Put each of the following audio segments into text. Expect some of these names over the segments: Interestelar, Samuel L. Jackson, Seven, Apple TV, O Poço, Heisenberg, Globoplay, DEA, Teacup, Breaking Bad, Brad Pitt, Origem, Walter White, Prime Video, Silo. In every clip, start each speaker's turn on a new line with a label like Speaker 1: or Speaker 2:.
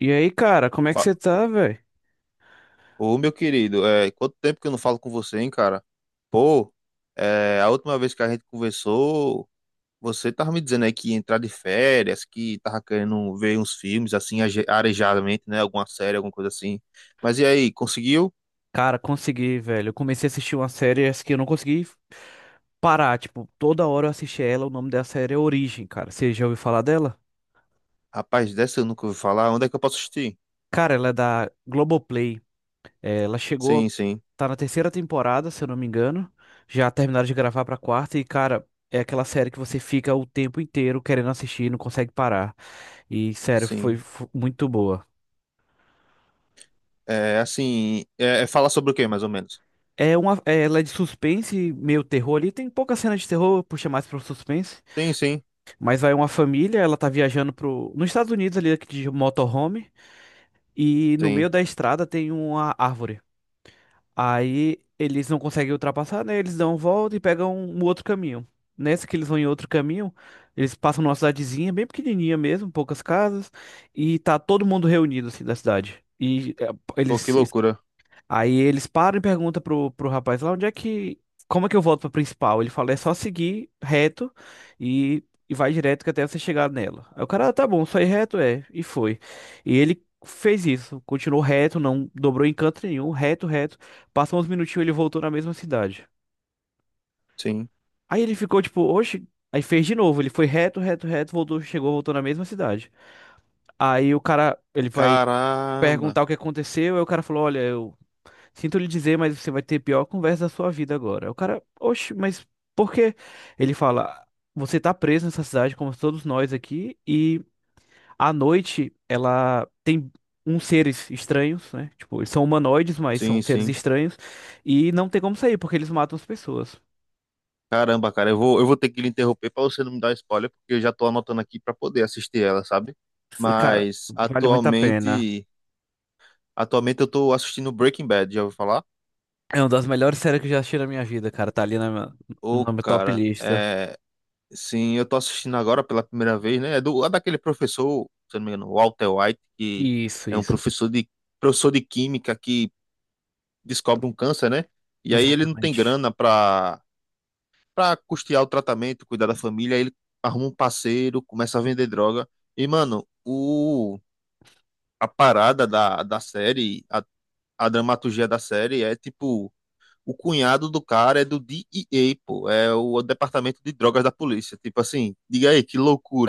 Speaker 1: E aí, cara, como é que
Speaker 2: Fa-
Speaker 1: você tá, velho?
Speaker 2: Ô, meu querido, quanto tempo que eu não falo com você, hein, cara? Pô, a última vez que a gente conversou, você tava me dizendo aí que ia entrar de férias, que tava querendo ver uns filmes, assim, arejadamente, né? Alguma série, alguma coisa assim. Mas e aí, conseguiu?
Speaker 1: Cara, consegui, velho. Eu comecei a assistir uma série essa que eu não consegui parar. Tipo, toda hora eu assisti ela. O nome da série é Origem, cara. Você já ouviu falar dela?
Speaker 2: Rapaz, dessa eu nunca ouvi falar. Onde é que eu posso assistir?
Speaker 1: Cara, ela é da Globoplay. É, ela chegou,
Speaker 2: Sim, sim,
Speaker 1: tá na terceira temporada, se eu não me engano. Já terminaram de gravar pra quarta. E, cara, é aquela série que você fica o tempo inteiro querendo assistir e não consegue parar. E, sério, foi
Speaker 2: sim.
Speaker 1: muito boa.
Speaker 2: É, assim, é falar sobre o quê, mais ou menos?
Speaker 1: Ela é de suspense, meio terror ali. Tem pouca cena de terror, puxa mais pro suspense.
Speaker 2: Sim, sim,
Speaker 1: Mas vai uma família, ela tá viajando nos Estados Unidos ali de motorhome e no
Speaker 2: sim.
Speaker 1: meio da estrada tem uma árvore. Aí eles não conseguem ultrapassar, né? Eles dão uma volta e pegam um outro caminho. Nessa que eles vão em outro caminho, eles passam numa cidadezinha bem pequenininha mesmo, poucas casas, e tá todo mundo reunido assim da cidade. E é,
Speaker 2: Pô, que
Speaker 1: eles
Speaker 2: loucura.
Speaker 1: Aí eles param e perguntam pro rapaz lá onde é que. Como é que eu volto pra principal? Ele fala, é só seguir reto e, e vai direto que até você chegar nela. Aí o cara, "Ah, tá bom, só ir reto é. E foi. E ele fez isso, continuou reto, não dobrou em canto nenhum, reto, reto. Passou uns minutinhos, ele voltou na mesma cidade.
Speaker 2: Sim.
Speaker 1: Aí ele ficou tipo, oxe. Aí fez de novo, ele foi reto, reto, reto, voltou, chegou, voltou na mesma cidade. Aí o cara, ele vai
Speaker 2: Caramba.
Speaker 1: perguntar o que aconteceu, aí o cara falou, olha, eu sinto lhe dizer, mas você vai ter a pior conversa da sua vida agora. O cara, oxe, mas por quê? Ele fala, você tá preso nessa cidade, como todos nós aqui, e à noite ela tem uns seres estranhos, né? Tipo, eles são humanoides, mas são
Speaker 2: Sim,
Speaker 1: seres
Speaker 2: sim.
Speaker 1: estranhos, e não tem como sair, porque eles matam as pessoas.
Speaker 2: Caramba, cara, eu vou ter que lhe interromper para você não me dar spoiler, porque eu já tô anotando aqui para poder assistir ela, sabe?
Speaker 1: Cara,
Speaker 2: Mas
Speaker 1: vale muito a pena.
Speaker 2: atualmente, atualmente eu tô assistindo Breaking Bad, já ouviu falar?
Speaker 1: É uma das melhores séries que eu já assisti na minha vida, cara. Tá ali na minha,
Speaker 2: Ô,
Speaker 1: na minha top
Speaker 2: cara,
Speaker 1: lista.
Speaker 2: sim, eu tô assistindo agora pela primeira vez, né? É daquele professor, se eu não me engano, Walter White, que
Speaker 1: Isso,
Speaker 2: é um
Speaker 1: isso.
Speaker 2: professor de química que descobre um câncer, né? E aí ele não tem
Speaker 1: Exatamente.
Speaker 2: grana para custear o tratamento, cuidar da família, ele arruma um parceiro, começa a vender droga. E, mano, a parada da série, a dramaturgia da série é tipo. O cunhado do cara é do DEA, pô. É o departamento de drogas da polícia. Tipo assim, diga aí, que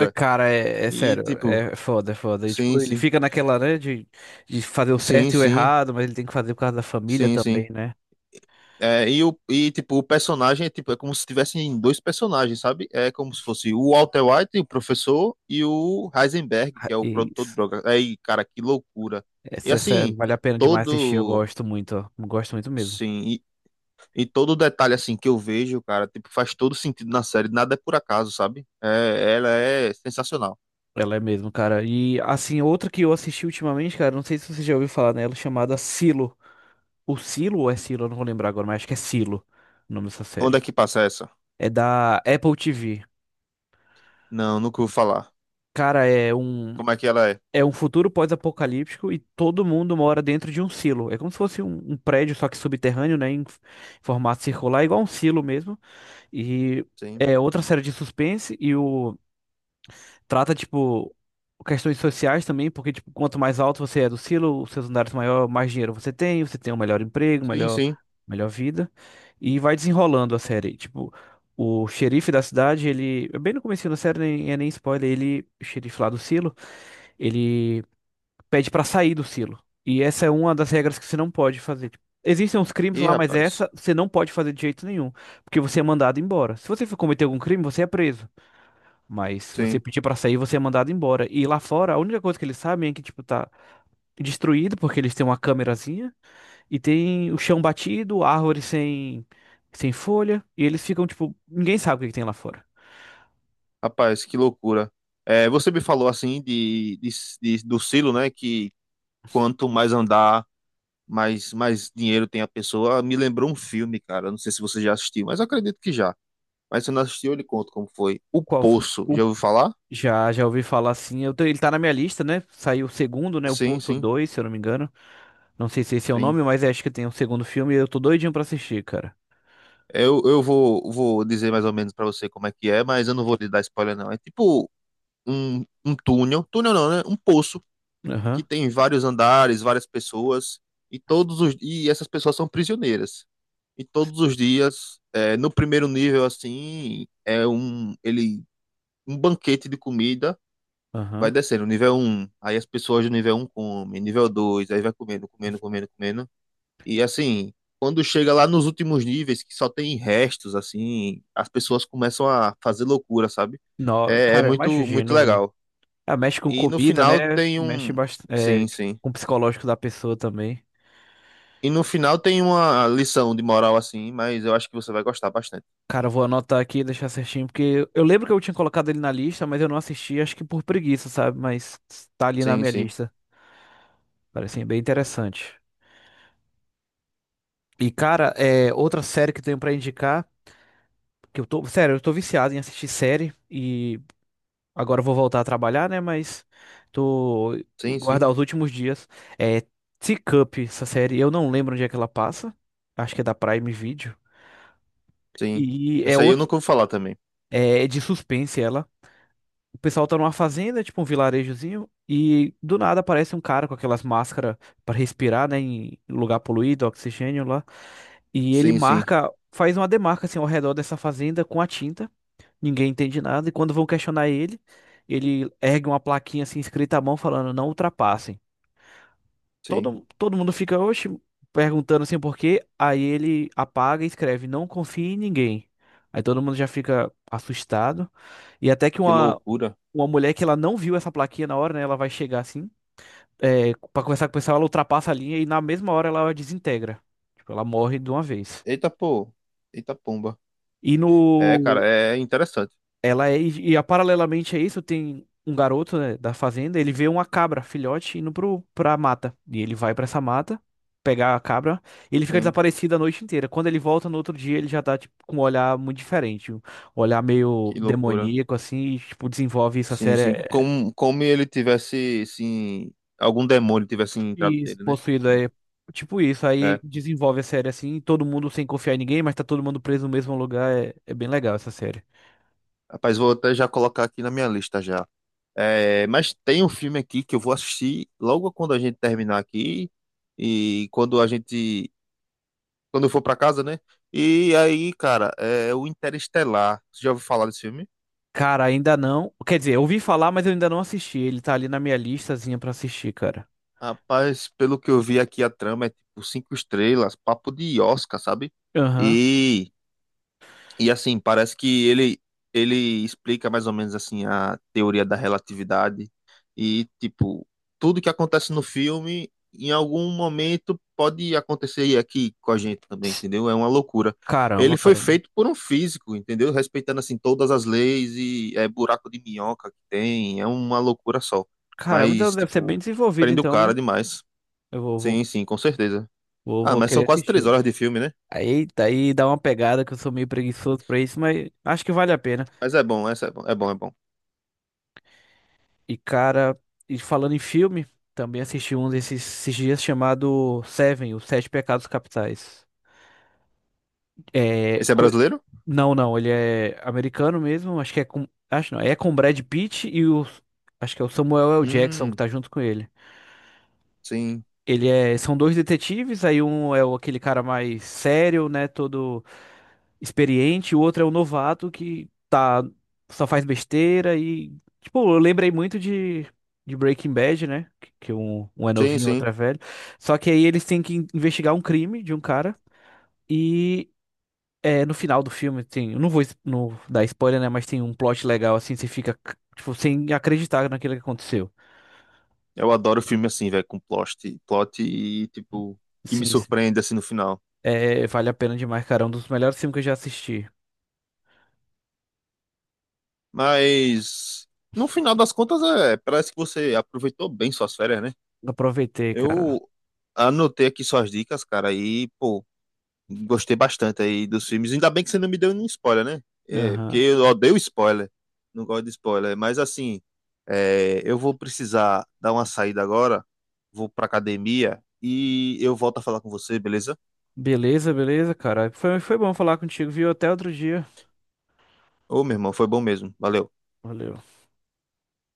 Speaker 1: É, cara, é
Speaker 2: E
Speaker 1: sério,
Speaker 2: tipo,
Speaker 1: é foda, é foda. E,
Speaker 2: sim,
Speaker 1: tipo, ele
Speaker 2: sim.
Speaker 1: fica naquela, né, de fazer o
Speaker 2: Sim,
Speaker 1: certo e o
Speaker 2: sim.
Speaker 1: errado, mas ele tem que fazer por causa da família
Speaker 2: Sim,
Speaker 1: também,
Speaker 2: sim.
Speaker 1: né?
Speaker 2: Tipo, o personagem é, tipo, é como se tivessem dois personagens, sabe? É como se fosse o Walter White, o professor, e o Heisenberg, que é o
Speaker 1: E
Speaker 2: produtor de drogas. Aí, cara, que loucura. E assim,
Speaker 1: vale a pena demais assistir, eu
Speaker 2: todo.
Speaker 1: gosto muito, ó. Gosto muito mesmo.
Speaker 2: Sim, e todo detalhe assim que eu vejo, cara, tipo, faz todo sentido na série. Nada é por acaso, sabe? É, ela é sensacional.
Speaker 1: Ela é mesmo, cara. E, assim, outra que eu assisti ultimamente, cara, não sei se você já ouviu falar nela, chamada Silo. O Silo ou é Silo? Eu não vou lembrar agora, mas acho que é Silo o nome dessa
Speaker 2: Onde é
Speaker 1: série.
Speaker 2: que passa essa?
Speaker 1: É da Apple TV.
Speaker 2: Não, nunca vou falar.
Speaker 1: Cara, é um.
Speaker 2: Como é que ela é?
Speaker 1: É um futuro pós-apocalíptico e todo mundo mora dentro de um silo. É como se fosse um prédio, só que subterrâneo, né? Em formato circular, igual um silo mesmo. E
Speaker 2: Sim.
Speaker 1: é outra série de suspense e o trata, tipo, questões sociais também, porque, tipo, quanto mais alto você é do silo, os seus andares maior, mais dinheiro você tem um melhor emprego,
Speaker 2: Sim,
Speaker 1: melhor,
Speaker 2: sim.
Speaker 1: melhor vida. E vai desenrolando a série. Tipo, o xerife da cidade, ele. Bem no comecinho da série, nem é nem spoiler, ele, o xerife lá do silo. Ele pede pra sair do silo. E essa é uma das regras que você não pode fazer. Tipo, existem uns crimes
Speaker 2: Ih,
Speaker 1: lá, mas
Speaker 2: rapaz.
Speaker 1: essa você não pode fazer de jeito nenhum, porque você é mandado embora. Se você for cometer algum crime, você é preso. Mas se você
Speaker 2: Sim.
Speaker 1: pedir pra sair, você é mandado embora. E lá fora, a única coisa que eles sabem é que tipo tá destruído porque eles têm uma câmerazinha e tem o chão batido, árvore sem folha, e eles ficam tipo, ninguém sabe o que que tem lá fora.
Speaker 2: Rapaz, que loucura. É, você me falou assim do silo, né? Que quanto mais andar, mais dinheiro tem a pessoa. Me lembrou um filme, cara. Eu Não sei se você já assistiu, mas eu acredito que já. Mas se não assistiu, eu lhe conto como foi. O
Speaker 1: Qual f-
Speaker 2: Poço,
Speaker 1: o-
Speaker 2: já ouviu falar?
Speaker 1: já já ouvi falar assim, eu ele tá na minha lista, né? Saiu o segundo, né? O
Speaker 2: Sim,
Speaker 1: Poço
Speaker 2: sim,
Speaker 1: 2 se eu não me engano. Não sei se esse é o
Speaker 2: sim.
Speaker 1: nome, mas acho que tem um segundo filme e eu tô doidinho pra assistir, cara.
Speaker 2: Vou dizer mais ou menos pra você como é que é, mas eu não vou lhe dar spoiler, não. É tipo um túnel. Túnel não, né? Um poço
Speaker 1: Aham,
Speaker 2: que tem vários andares, várias pessoas, e todos os e essas pessoas são prisioneiras. E todos os dias, é, no primeiro nível assim, é um ele um banquete de comida vai
Speaker 1: aham.
Speaker 2: descendo, nível um aí as pessoas do nível um comem, nível 2 aí vai comendo, comendo, comendo, comendo. E assim, quando chega lá nos últimos níveis, que só tem restos, assim, as pessoas começam a fazer loucura, sabe?
Speaker 1: Não,
Speaker 2: É, é
Speaker 1: cara, eu
Speaker 2: muito, muito
Speaker 1: imagino, velho.
Speaker 2: legal.
Speaker 1: Ah, mexe com
Speaker 2: E no
Speaker 1: comida,
Speaker 2: final
Speaker 1: né?
Speaker 2: tem
Speaker 1: Mexe
Speaker 2: um. Sim,
Speaker 1: bastante,
Speaker 2: sim.
Speaker 1: com o psicológico da pessoa também.
Speaker 2: E no final tem uma lição de moral assim, mas eu acho que você vai gostar bastante.
Speaker 1: Cara, eu vou anotar aqui e deixar certinho, porque eu lembro que eu tinha colocado ele na lista, mas eu não assisti, acho que por preguiça, sabe? Mas tá ali na
Speaker 2: Sim,
Speaker 1: minha
Speaker 2: sim.
Speaker 1: lista. Parece bem interessante. E, cara, outra série que eu tenho pra indicar, que eu tô, sério, eu tô viciado em assistir série e agora eu vou voltar a trabalhar, né? Mas tô
Speaker 2: Sim,
Speaker 1: guardar
Speaker 2: sim.
Speaker 1: os últimos dias. É Teacup, essa série. Eu não lembro onde é que ela passa. Acho que é da Prime Video.
Speaker 2: Sim.
Speaker 1: E é
Speaker 2: Essa aí eu
Speaker 1: outro,
Speaker 2: nunca ouvi falar também.
Speaker 1: é de suspense ela. O pessoal tá numa fazenda, tipo um vilarejozinho, e do nada aparece um cara com aquelas máscaras para respirar, né, em lugar poluído, oxigênio lá. E ele
Speaker 2: Sim, sim.
Speaker 1: marca, faz uma demarca assim ao redor dessa fazenda com a tinta. Ninguém entende nada, e quando vão questionar ele, ele ergue uma plaquinha assim escrita à mão falando, não ultrapassem.
Speaker 2: Sim.
Speaker 1: Todo mundo fica, oxe, perguntando assim por quê, aí ele apaga e escreve, não confie em ninguém. Aí todo mundo já fica assustado, e até que
Speaker 2: Que
Speaker 1: uma,
Speaker 2: loucura.
Speaker 1: uma mulher que ela não viu essa plaquinha na hora, né, ela vai chegar assim, é, pra conversar com o pessoal, ela ultrapassa a linha e na mesma hora ela desintegra. Tipo, ela morre de uma vez.
Speaker 2: Eita, pô. Eita, pomba.
Speaker 1: E no,
Speaker 2: É, cara, é interessante.
Speaker 1: Ela é, e, a- Paralelamente a isso, tem um garoto, né, da fazenda, ele vê uma cabra, filhote, indo pra mata. E ele vai pra essa mata, pegar a cabra, e ele fica
Speaker 2: Sim.
Speaker 1: desaparecido a noite inteira. Quando ele volta no outro dia, ele já tá, tipo, com um olhar muito diferente. Um olhar meio
Speaker 2: Que loucura.
Speaker 1: demoníaco, assim, e, tipo, desenvolve isso, a
Speaker 2: Sim,
Speaker 1: série
Speaker 2: sim. Como ele tivesse, sim, algum demônio tivesse entrado
Speaker 1: e
Speaker 2: dele, né?
Speaker 1: possuído é tipo isso. Aí
Speaker 2: É.
Speaker 1: desenvolve a série assim, todo mundo sem confiar em ninguém, mas tá todo mundo preso no mesmo lugar. É bem legal essa série.
Speaker 2: Rapaz, vou até já colocar aqui na minha lista já. É, mas tem um filme aqui que eu vou assistir logo quando a gente terminar aqui e quando a gente, quando eu for pra casa, né? E aí, cara, é o Interestelar. Você já ouviu falar desse filme?
Speaker 1: Cara, ainda não. Quer dizer, eu ouvi falar, mas eu ainda não assisti. Ele tá ali na minha listazinha pra assistir, cara.
Speaker 2: Rapaz, pelo que eu vi aqui a trama é tipo cinco estrelas, papo de Oscar, sabe?
Speaker 1: Aham.
Speaker 2: E assim, parece que ele explica mais ou menos assim a teoria da relatividade e tipo, tudo que acontece no filme em algum momento pode acontecer aqui com a gente também, entendeu? É uma loucura.
Speaker 1: Caramba,
Speaker 2: Ele foi
Speaker 1: caramba.
Speaker 2: feito por um físico, entendeu? Respeitando assim todas as leis e é buraco de minhoca que tem, é uma loucura só.
Speaker 1: Caramba, então
Speaker 2: Mas
Speaker 1: deve ser bem
Speaker 2: tipo,
Speaker 1: desenvolvido,
Speaker 2: prende o
Speaker 1: então, né?
Speaker 2: cara demais.
Speaker 1: Eu vou, vou,
Speaker 2: Sim, sim, com certeza.
Speaker 1: vou,
Speaker 2: Ah,
Speaker 1: vou
Speaker 2: mas são
Speaker 1: querer
Speaker 2: quase três
Speaker 1: assistir.
Speaker 2: horas de filme, né?
Speaker 1: Aí dá uma pegada que eu sou meio preguiçoso pra isso, mas acho que vale a pena.
Speaker 2: Mas é bom, essa é bom, é bom, é bom.
Speaker 1: E, cara, e falando em filme, também assisti um desses esses dias chamado Seven, Os Sete Pecados Capitais. É,
Speaker 2: Esse é
Speaker 1: co-
Speaker 2: brasileiro?
Speaker 1: Não, não, ele é americano mesmo, acho que é com, acho não, é com o Brad Pitt e o, acho que é o Samuel L. Jackson que
Speaker 2: Hum,
Speaker 1: tá junto com ele.
Speaker 2: Sim,
Speaker 1: Ele é, são dois detetives, aí um é aquele cara mais sério, né, todo experiente, o outro é o novato que tá, só faz besteira e, tipo, eu lembrei muito de, Breaking Bad, né, que um é
Speaker 2: sim,
Speaker 1: novinho, outro
Speaker 2: sim.
Speaker 1: é velho, só que aí eles têm que investigar um crime de um cara e no final do filme tem, eu não vou não dar spoiler, né, mas tem um plot legal assim, você fica tipo sem acreditar naquilo que aconteceu.
Speaker 2: Eu adoro filme assim, velho, com plot e, tipo, que me
Speaker 1: Sim, sim.
Speaker 2: surpreende assim no final.
Speaker 1: É, vale a pena demais, cara, é um dos melhores filmes que eu já assisti.
Speaker 2: Mas, no final das contas, é, parece que você aproveitou bem suas férias, né?
Speaker 1: Aproveitei, cara.
Speaker 2: Eu anotei aqui suas dicas, cara, e, pô, gostei bastante aí dos filmes. Ainda bem que você não me deu nenhum spoiler, né? É, porque
Speaker 1: Aham.
Speaker 2: eu odeio spoiler, não gosto de spoiler. Mas, assim, é, eu vou precisar dar uma saída agora, vou pra academia e eu volto a falar com você, beleza?
Speaker 1: Beleza, beleza, cara. Foi bom falar contigo, viu? Até outro dia.
Speaker 2: Ô, meu irmão, foi bom mesmo. Valeu.
Speaker 1: Valeu.